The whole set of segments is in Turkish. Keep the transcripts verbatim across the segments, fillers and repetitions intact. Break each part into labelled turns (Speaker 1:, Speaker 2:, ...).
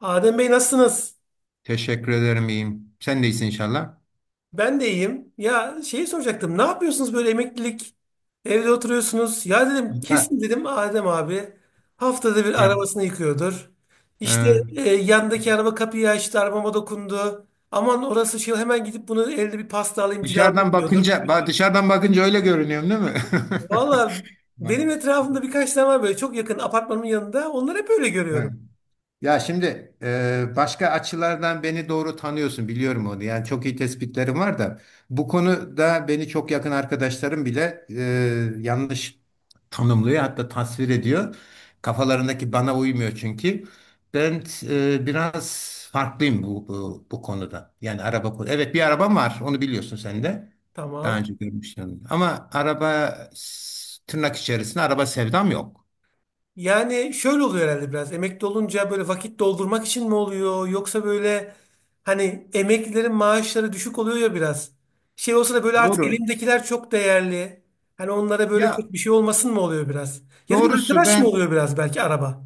Speaker 1: Adem Bey nasılsınız?
Speaker 2: Teşekkür ederim iyiyim. Sen de iyisin inşallah.
Speaker 1: Ben de iyiyim. Ya şeyi soracaktım. Ne yapıyorsunuz böyle emeklilik? Evde oturuyorsunuz. Ya dedim
Speaker 2: Ya,
Speaker 1: kesin dedim Adem abi haftada bir
Speaker 2: evet,
Speaker 1: arabasını yıkıyordur. İşte
Speaker 2: evet.
Speaker 1: e, yandaki araba kapıyı açtı, arabama dokundu. Aman orası şey hemen gidip bunu elde bir pasta alayım, cilalayayım
Speaker 2: Dışarıdan
Speaker 1: diyordur.
Speaker 2: bakınca, ba- dışarıdan bakınca öyle görünüyorum değil mi?
Speaker 1: Valla
Speaker 2: Bak,
Speaker 1: benim etrafımda birkaç tane var böyle çok yakın apartmanımın yanında. Onları hep öyle
Speaker 2: evet.
Speaker 1: görüyorum.
Speaker 2: Ya şimdi e, başka açılardan beni doğru tanıyorsun biliyorum onu. Yani çok iyi tespitlerim var da bu konuda beni çok yakın arkadaşlarım bile e, yanlış tanımlıyor hatta tasvir ediyor. Kafalarındaki bana uymuyor çünkü. Ben e, biraz farklıyım bu, bu bu konuda. Yani araba konu- evet bir arabam var onu biliyorsun sen de. Daha
Speaker 1: Tamam.
Speaker 2: önce görmüştün. Ama araba s- tırnak içerisinde araba sevdam yok.
Speaker 1: Yani şöyle oluyor herhalde biraz. Emekli olunca böyle vakit doldurmak için mi oluyor? Yoksa böyle hani emeklilerin maaşları düşük oluyor ya biraz. Şey olsa da böyle artık
Speaker 2: Doğru.
Speaker 1: elimdekiler çok değerli. Hani onlara böyle
Speaker 2: Ya
Speaker 1: çok bir şey olmasın mı oluyor biraz? Ya da bir
Speaker 2: doğrusu
Speaker 1: arkadaş mı
Speaker 2: ben.
Speaker 1: oluyor biraz belki araba?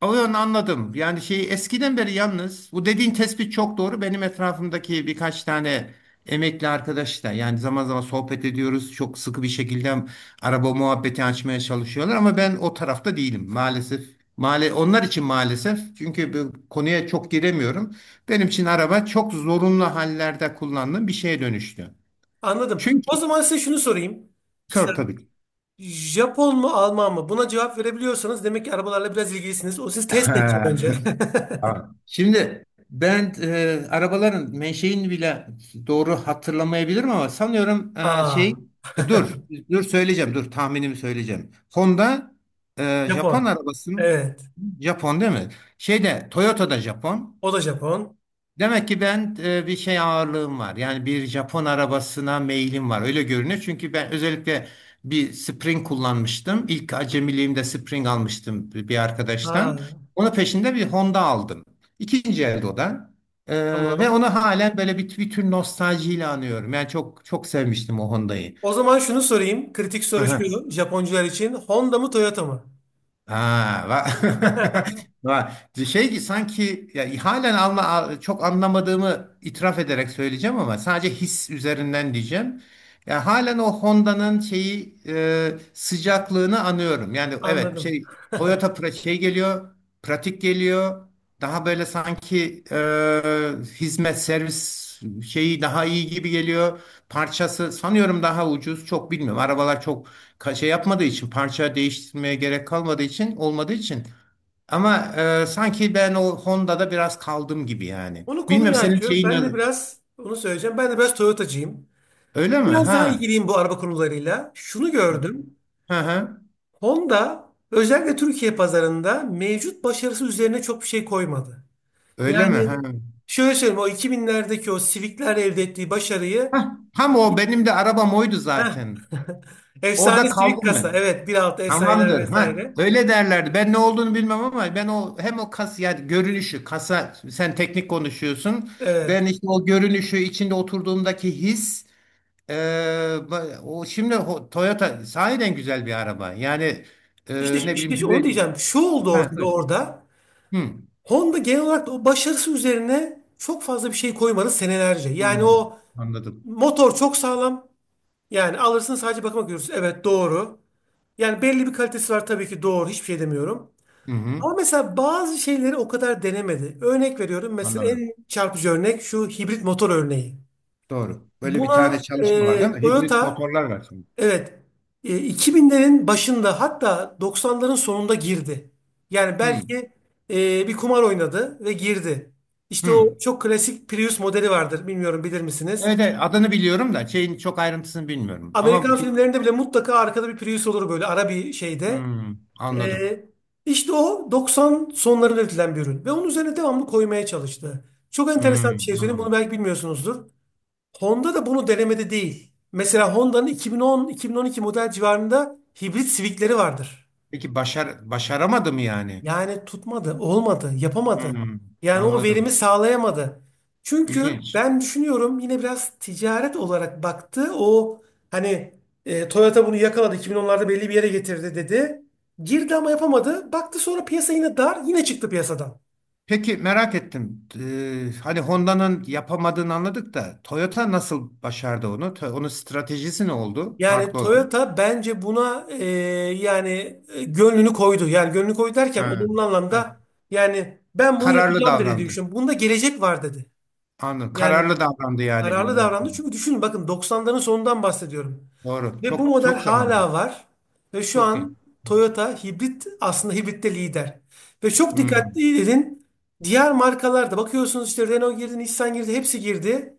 Speaker 2: Onu anladım. Yani şey eskiden beri yalnız bu dediğin tespit çok doğru. Benim etrafımdaki birkaç tane emekli arkadaş da yani zaman zaman sohbet ediyoruz. Çok sıkı bir şekilde araba muhabbeti açmaya çalışıyorlar ama ben o tarafta değilim maalesef. Male onlar için maalesef çünkü bu konuya çok giremiyorum. Benim için araba çok zorunlu hallerde kullandığım bir şeye dönüştü.
Speaker 1: Anladım. O
Speaker 2: Çünkü
Speaker 1: zaman size şunu sorayım. Kısa.
Speaker 2: sor tabii ki.
Speaker 1: Japon mu Alman mı? Buna cevap verebiliyorsanız demek ki arabalarla biraz ilgilisiniz. O siz test edeceğim önce.
Speaker 2: Ha. Şimdi ben e, arabaların menşeini bile doğru hatırlamayabilirim ama sanıyorum e, şey
Speaker 1: Aa,
Speaker 2: e, dur dur söyleyeceğim, dur tahminimi söyleyeceğim. Honda e, Japon
Speaker 1: Japon.
Speaker 2: arabası.
Speaker 1: Evet.
Speaker 2: Japon değil mi? Şeyde Toyota'da Japon.
Speaker 1: O da Japon.
Speaker 2: Demek ki ben e, bir şey ağırlığım var. Yani bir Japon arabasına meylim var. Öyle görünüyor. Çünkü ben özellikle bir Spring kullanmıştım. İlk acemiliğimde Spring almıştım bir bir arkadaştan.
Speaker 1: Aa,
Speaker 2: Onun peşinde bir Honda aldım. İkinci elde o da. E, Ve
Speaker 1: tamam.
Speaker 2: onu halen böyle bir, bir tür nostaljiyle anıyorum. Yani çok çok sevmiştim o Honda'yı.
Speaker 1: O zaman şunu sorayım. Kritik soru şu Japoncular için. Honda mı Toyota mı?
Speaker 2: Ha, va- va- şey ki sanki ya, halen anla, a- çok anlamadığımı itiraf ederek söyleyeceğim ama sadece his üzerinden diyeceğim. Ya halen o Honda'nın şeyi e, sıcaklığını anıyorum. Yani evet
Speaker 1: Anladım.
Speaker 2: şey Toyota pra- şey geliyor, pratik geliyor. Daha böyle sanki e, hizmet servis şeyi daha iyi gibi geliyor. Parçası sanıyorum daha ucuz. Çok bilmiyorum. Arabalar çok ka- şey yapmadığı için, parça değiştirmeye gerek kalmadığı için, olmadığı için ama e, sanki ben o Honda'da biraz kaldım gibi yani.
Speaker 1: Onu
Speaker 2: Bilmem
Speaker 1: konuyu
Speaker 2: senin
Speaker 1: açıyor.
Speaker 2: şeyin
Speaker 1: Ben de
Speaker 2: ne-
Speaker 1: biraz onu söyleyeceğim. Ben de biraz Toyotacıyım.
Speaker 2: öyle mi?
Speaker 1: Biraz daha
Speaker 2: Ha.
Speaker 1: ilgiliyim bu araba konularıyla. Şunu gördüm.
Speaker 2: Hı hı.
Speaker 1: Honda özellikle Türkiye pazarında mevcut başarısı üzerine çok bir şey koymadı.
Speaker 2: Öyle mi?
Speaker 1: Yani
Speaker 2: Ha.
Speaker 1: şöyle söyleyeyim o iki binlerdeki o Civic'ler elde ettiği başarıyı.
Speaker 2: Hah, tam o benim de arabam oydu
Speaker 1: Heh.
Speaker 2: zaten.
Speaker 1: Efsane
Speaker 2: Orada
Speaker 1: Civic
Speaker 2: kaldım
Speaker 1: kasa.
Speaker 2: ben.
Speaker 1: Evet, bir altı S I'ler
Speaker 2: Tamamdır. Ha,
Speaker 1: vesaire.
Speaker 2: öyle derlerdi. Ben ne olduğunu bilmem ama ben o hem o kas ya görünüşü, kasa sen teknik konuşuyorsun.
Speaker 1: Evet.
Speaker 2: Ben işte o görünüşü içinde oturduğumdaki his. Ee, ba- o şimdi ho- Toyota sahiden güzel bir araba. Yani
Speaker 1: İşte,
Speaker 2: e, ne bileyim,
Speaker 1: işte onu
Speaker 2: güven.
Speaker 1: diyeceğim. Şu oldu
Speaker 2: Ha,
Speaker 1: ortada
Speaker 2: buyur.
Speaker 1: orada.
Speaker 2: Hı,
Speaker 1: Honda genel olarak da o başarısı üzerine çok fazla bir şey koymadı senelerce.
Speaker 2: hı,
Speaker 1: Yani
Speaker 2: hı,
Speaker 1: o
Speaker 2: anladım.
Speaker 1: motor çok sağlam. Yani alırsın sadece bakıma görürsün. Evet doğru. Yani belli bir kalitesi var tabii ki doğru. Hiçbir şey demiyorum.
Speaker 2: Hı hı,
Speaker 1: Ama mesela bazı şeyleri o kadar denemedi. Örnek veriyorum. Mesela
Speaker 2: anladım.
Speaker 1: en çarpıcı örnek şu hibrit motor örneği.
Speaker 2: Doğru. Böyle bir
Speaker 1: Buna
Speaker 2: tane çalışma var değil
Speaker 1: e,
Speaker 2: mi? Hibrit
Speaker 1: Toyota.
Speaker 2: motorlar var şimdi.
Speaker 1: Evet. E, iki binlerin başında hatta doksanların sonunda girdi. Yani
Speaker 2: Hı,
Speaker 1: belki e, bir kumar oynadı ve girdi. İşte
Speaker 2: hı.
Speaker 1: o çok klasik Prius modeli vardır. Bilmiyorum bilir misiniz?
Speaker 2: Evet, evet, adını biliyorum da şeyin çok ayrıntısını bilmiyorum. Ama bu-
Speaker 1: Amerikan
Speaker 2: şey,
Speaker 1: filmlerinde bile mutlaka arkada bir Prius olur böyle ara bir şeyde.
Speaker 2: hı,
Speaker 1: E,
Speaker 2: anladım.
Speaker 1: işte o doksan sonlarında üretilen bir ürün. Ve onun üzerine devamlı koymaya çalıştı. Çok
Speaker 2: Hı,
Speaker 1: enteresan bir şey söyleyeyim. Bunu
Speaker 2: anladım.
Speaker 1: belki bilmiyorsunuzdur. Honda da bunu denemede değil. Mesela Honda'nın iki bin on-iki bin on iki model civarında hibrit Civic'leri vardır.
Speaker 2: Peki başar başaramadı mı yani?
Speaker 1: Yani tutmadı, olmadı,
Speaker 2: Hı,
Speaker 1: yapamadı. Yani o verimi
Speaker 2: anladım.
Speaker 1: sağlayamadı. Çünkü
Speaker 2: İlginç.
Speaker 1: ben düşünüyorum yine biraz ticaret olarak baktı. O hani e, Toyota bunu yakaladı, iki bin onlarda belli bir yere getirdi dedi. Girdi ama yapamadı. Baktı sonra piyasa yine dar, yine çıktı piyasadan.
Speaker 2: Peki merak ettim. Ee, hani Honda'nın yapamadığını anladık da Toyota nasıl başardı onu? To- Onun stratejisi ne oldu?
Speaker 1: Yani
Speaker 2: Farklı olarak.
Speaker 1: Toyota bence buna e, yani e, gönlünü koydu. Yani gönlünü koydu derken
Speaker 2: Ha,
Speaker 1: olumlu
Speaker 2: ha.
Speaker 1: anlamda, yani ben bunu
Speaker 2: Kararlı
Speaker 1: yapacağım dedi diye
Speaker 2: davrandı.
Speaker 1: düşünüyorum. Bunda gelecek var dedi.
Speaker 2: Anladım.
Speaker 1: Yani
Speaker 2: Kararlı davrandı yani
Speaker 1: kararlı
Speaker 2: bir
Speaker 1: davrandı.
Speaker 2: noktada.
Speaker 1: Çünkü düşünün bakın doksanların sonundan bahsediyorum.
Speaker 2: Doğru.
Speaker 1: Ve bu
Speaker 2: Çok
Speaker 1: model
Speaker 2: çok zaman
Speaker 1: hala
Speaker 2: olmuş.
Speaker 1: var. Ve şu
Speaker 2: Çok iyi.
Speaker 1: an Toyota hibrit aslında hibritte lider. Ve çok
Speaker 2: Hmm.
Speaker 1: dikkatli edin. Diğer markalarda bakıyorsunuz işte Renault girdi, Nissan girdi, hepsi girdi.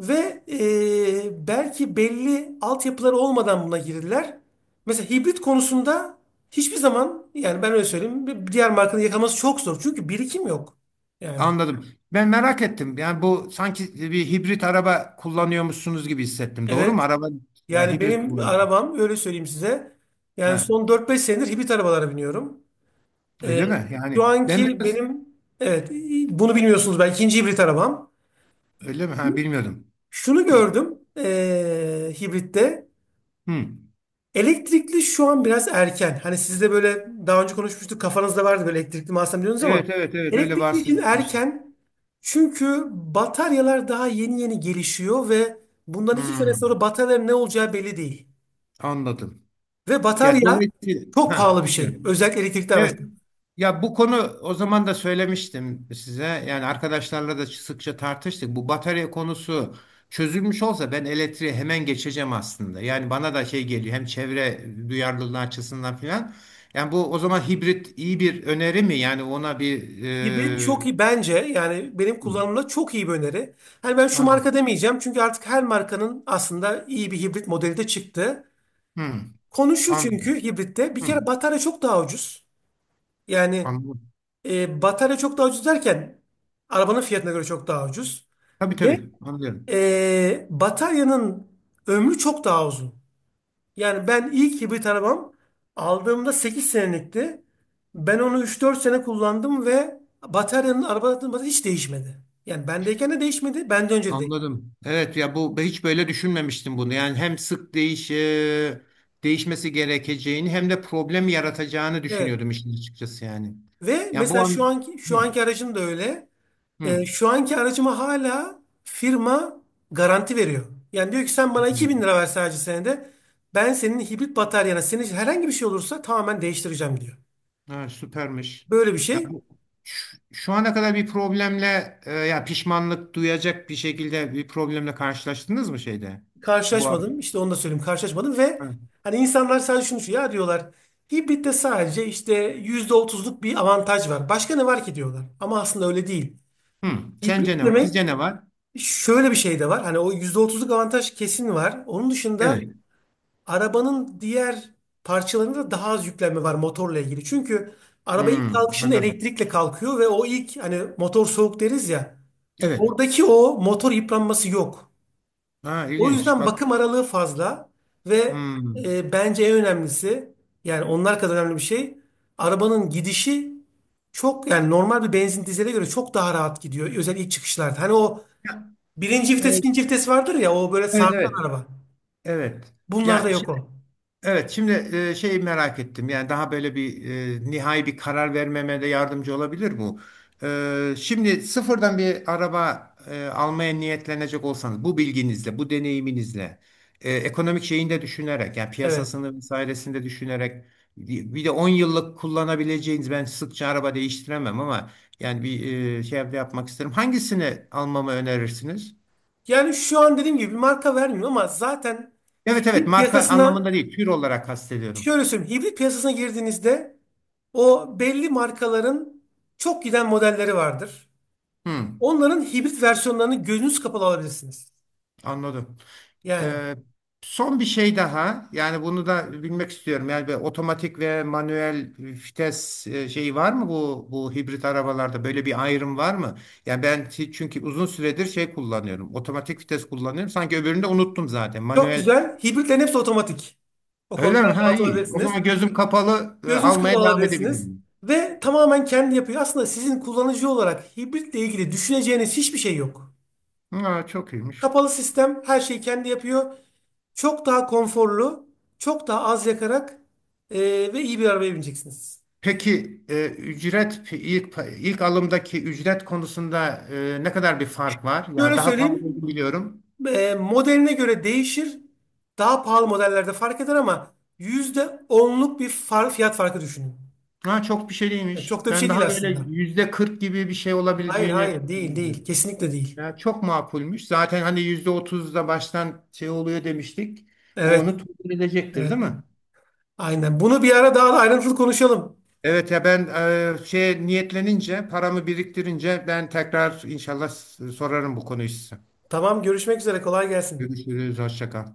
Speaker 1: Ve e, belki belli altyapıları olmadan buna girdiler. Mesela hibrit konusunda hiçbir zaman, yani ben öyle söyleyeyim, bir diğer markanın yakalaması çok zor. Çünkü birikim yok. Yani.
Speaker 2: Anladım. Ben merak ettim. Yani bu sanki bir hibrit araba kullanıyormuşsunuz gibi hissettim. Doğru mu?
Speaker 1: Evet.
Speaker 2: Araba ya,
Speaker 1: Yani
Speaker 2: hibrit
Speaker 1: benim
Speaker 2: kullanıyorsun.
Speaker 1: arabam, öyle söyleyeyim size. Yani
Speaker 2: Ha,
Speaker 1: son dört beş senedir hibrit arabalara biniyorum. Ee,
Speaker 2: öyle mi?
Speaker 1: şu
Speaker 2: Yani ben
Speaker 1: anki
Speaker 2: biraz.
Speaker 1: benim, evet, bunu bilmiyorsunuz, ben ikinci hibrit arabam.
Speaker 2: Öyle mi? Ha, bilmiyordum.
Speaker 1: Şunu gördüm eee, hibritte.
Speaker 2: Hmm.
Speaker 1: Elektrikli şu an biraz erken. Hani siz de böyle daha önce konuşmuştuk, kafanızda vardı böyle elektrikli mi alsam diyorsunuz ama
Speaker 2: Evet evet evet, öyle
Speaker 1: elektrikli için
Speaker 2: bahsetmiştim.
Speaker 1: erken. Çünkü bataryalar daha yeni yeni gelişiyor ve bundan iki sene sonra
Speaker 2: Hmm,
Speaker 1: bataryaların ne olacağı belli değil.
Speaker 2: anladım.
Speaker 1: Ve
Speaker 2: Ya
Speaker 1: batarya
Speaker 2: dolayısıyla,
Speaker 1: çok
Speaker 2: ha,
Speaker 1: pahalı bir şey.
Speaker 2: dinliyorum.
Speaker 1: Özellikle elektrikli
Speaker 2: Evet.
Speaker 1: araçlar.
Speaker 2: Ya bu konu o zaman da söylemiştim size. Yani arkadaşlarla da sıkça tartıştık. Bu batarya konusu çözülmüş olsa ben elektriğe hemen geçeceğim aslında. Yani bana da şey geliyor, hem çevre duyarlılığı açısından filan. Yani bu o zaman hibrit iyi bir öneri mi? Yani ona bir
Speaker 1: Hibrit
Speaker 2: e,
Speaker 1: çok iyi bence, yani benim
Speaker 2: hı,
Speaker 1: kullanımımda çok iyi bir öneri. Hani ben şu
Speaker 2: anladım.
Speaker 1: marka demeyeceğim çünkü artık her markanın aslında iyi bir hibrit modeli de çıktı.
Speaker 2: Hı,
Speaker 1: Konu şu,
Speaker 2: anladım.
Speaker 1: çünkü hibritte bir
Speaker 2: Hı,
Speaker 1: kere batarya çok daha ucuz. Yani
Speaker 2: anladım.
Speaker 1: e, batarya çok daha ucuz derken arabanın fiyatına göre çok daha ucuz.
Speaker 2: Tabii
Speaker 1: Ve
Speaker 2: tabii, anlıyorum.
Speaker 1: e, bataryanın ömrü çok daha uzun. Yani ben ilk hibrit arabam aldığımda sekiz senelikti. Ben onu üç dört sene kullandım ve bataryanın, arabanın bataryası hiç değişmedi. Yani bendeyken de değişmedi, benden önce de değişmedi.
Speaker 2: Anladım. Evet ya bu hiç böyle düşünmemiştim bunu. Yani hem sık değiş e, değişmesi gerekeceğini hem de problem yaratacağını
Speaker 1: Evet.
Speaker 2: düşünüyordum işin açıkçası yani.
Speaker 1: Ve
Speaker 2: Ya bu
Speaker 1: mesela şu
Speaker 2: an.
Speaker 1: anki
Speaker 2: Hı,
Speaker 1: şu anki aracım da öyle. Ee,
Speaker 2: hı,
Speaker 1: şu anki aracıma hala firma garanti veriyor. Yani diyor ki sen bana iki
Speaker 2: hı.
Speaker 1: bin lira ver sadece senede. Ben senin hibrit bataryana, senin herhangi bir şey olursa tamamen değiştireceğim diyor.
Speaker 2: Ha, süpermiş.
Speaker 1: Böyle bir
Speaker 2: Ya
Speaker 1: şey.
Speaker 2: bu şu, şu ana kadar bir problemle e, ya pişmanlık duyacak bir şekilde bir problemle karşılaştınız mı şeyde? Bu ar-
Speaker 1: Karşılaşmadım. İşte onu da söyleyeyim. Karşılaşmadım ve
Speaker 2: Hı.
Speaker 1: hani insanlar sadece şunu şu ya diyorlar. Hibritte sadece işte yüzde otuzluk bir avantaj var. Başka ne var ki diyorlar. Ama aslında öyle değil.
Speaker 2: Hı. Sence
Speaker 1: Hibrit
Speaker 2: ne var?
Speaker 1: demek
Speaker 2: Sizce ne var?
Speaker 1: şöyle bir şey de var. Hani o yüzde otuzluk avantaj kesin var. Onun dışında
Speaker 2: Evet.
Speaker 1: arabanın diğer parçalarında daha az yüklenme var motorla ilgili. Çünkü araba
Speaker 2: Hı,
Speaker 1: ilk kalkışında
Speaker 2: anladım.
Speaker 1: elektrikle kalkıyor ve o ilk, hani motor soğuk deriz ya.
Speaker 2: Evet.
Speaker 1: Oradaki o motor yıpranması yok.
Speaker 2: Ha,
Speaker 1: O
Speaker 2: ilginç.
Speaker 1: yüzden
Speaker 2: Bak.
Speaker 1: bakım aralığı fazla ve
Speaker 2: Hı.
Speaker 1: e, bence en önemlisi, yani onlar kadar önemli bir şey, arabanın gidişi çok, yani normal bir benzin dizele göre çok daha rahat gidiyor. Özellikle ilk çıkışlarda. Hani o birinci vites,
Speaker 2: Evet,
Speaker 1: ikinci vites vardır ya, o böyle
Speaker 2: evet,
Speaker 1: sarsan
Speaker 2: evet.
Speaker 1: araba.
Speaker 2: Evet. Ya
Speaker 1: Bunlarda
Speaker 2: şi-
Speaker 1: yok o.
Speaker 2: evet şimdi e, şeyi merak ettim. Yani daha böyle bir e, nihai bir karar vermeme de yardımcı olabilir bu. E, şimdi sıfırdan bir araba e, almaya niyetlenecek olsanız bu bilginizle, bu deneyiminizle, e, ekonomik şeyini de düşünerek, yani
Speaker 1: Evet.
Speaker 2: piyasasını vesairesini de düşünerek, bir de on yıllık kullanabileceğiniz, ben sıkça araba değiştiremem ama yani bir e, şey de yapmak isterim, hangisini almamı önerirsiniz?
Speaker 1: Yani şu an dediğim gibi bir marka vermiyor ama zaten
Speaker 2: Evet evet,
Speaker 1: hibrit
Speaker 2: marka
Speaker 1: piyasasına
Speaker 2: anlamında değil, tür olarak kastediyorum.
Speaker 1: şöyle söyleyeyim. Hibrit piyasasına girdiğinizde o belli markaların çok giden modelleri vardır.
Speaker 2: Hmm,
Speaker 1: Onların hibrit versiyonlarını gözünüz kapalı alabilirsiniz.
Speaker 2: anladım.
Speaker 1: Yani
Speaker 2: Ee, son bir şey daha yani bunu da bilmek istiyorum. Yani bir otomatik ve manuel vites e, şeyi var mı, bu bu hibrit arabalarda böyle bir ayrım var mı? Yani ben ti- çünkü uzun süredir şey kullanıyorum. Otomatik vites kullanıyorum. Sanki öbürünü de unuttum zaten.
Speaker 1: çok
Speaker 2: Manuel.
Speaker 1: güzel. Hibritlerin hepsi otomatik. O
Speaker 2: Öyle
Speaker 1: konuda
Speaker 2: mi? Ha,
Speaker 1: rahat
Speaker 2: iyi. O
Speaker 1: olabilirsiniz.
Speaker 2: zaman gözüm kapalı e,
Speaker 1: Gözünüz kapalı
Speaker 2: almaya devam
Speaker 1: alabilirsiniz.
Speaker 2: edebilirim.
Speaker 1: Ve tamamen kendi yapıyor. Aslında sizin kullanıcı olarak hibritle ilgili düşüneceğiniz hiçbir şey yok.
Speaker 2: Ha, çok iyiymiş.
Speaker 1: Kapalı sistem her şeyi kendi yapıyor. Çok daha konforlu, çok daha az yakarak eee, ve iyi bir arabaya bineceksiniz.
Speaker 2: Peki e, ücret, ilk ilk alımdaki ücret konusunda e, ne kadar bir fark var? Yani
Speaker 1: Böyle
Speaker 2: daha pahalı
Speaker 1: söyleyeyim.
Speaker 2: olduğunu biliyorum.
Speaker 1: E, modeline göre değişir. Daha pahalı modellerde fark eder ama yüzde onluk bir far, fiyat farkı düşünün.
Speaker 2: Ha, çok bir şey
Speaker 1: Yani çok
Speaker 2: değilmiş.
Speaker 1: da bir şey
Speaker 2: Ben
Speaker 1: değil
Speaker 2: daha böyle
Speaker 1: aslında.
Speaker 2: yüzde kırk gibi bir şey
Speaker 1: Hayır,
Speaker 2: olabileceğini
Speaker 1: hayır, değil, değil.
Speaker 2: biliyorum.
Speaker 1: Kesinlikle değil.
Speaker 2: Ya çok makulmüş. Zaten hani yüzde otuzda baştan şey oluyor demiştik. O
Speaker 1: Evet,
Speaker 2: onu tutun edecektir,
Speaker 1: evet.
Speaker 2: değil
Speaker 1: Evet.
Speaker 2: mi?
Speaker 1: Aynen. Bunu bir ara daha da ayrıntılı konuşalım.
Speaker 2: Evet ya ben e, şey niyetlenince, paramı biriktirince ben tekrar inşallah s- sorarım bu konuyu size.
Speaker 1: Tamam, görüşmek üzere, kolay gelsin.
Speaker 2: Görüşürüz. Hoşça kal.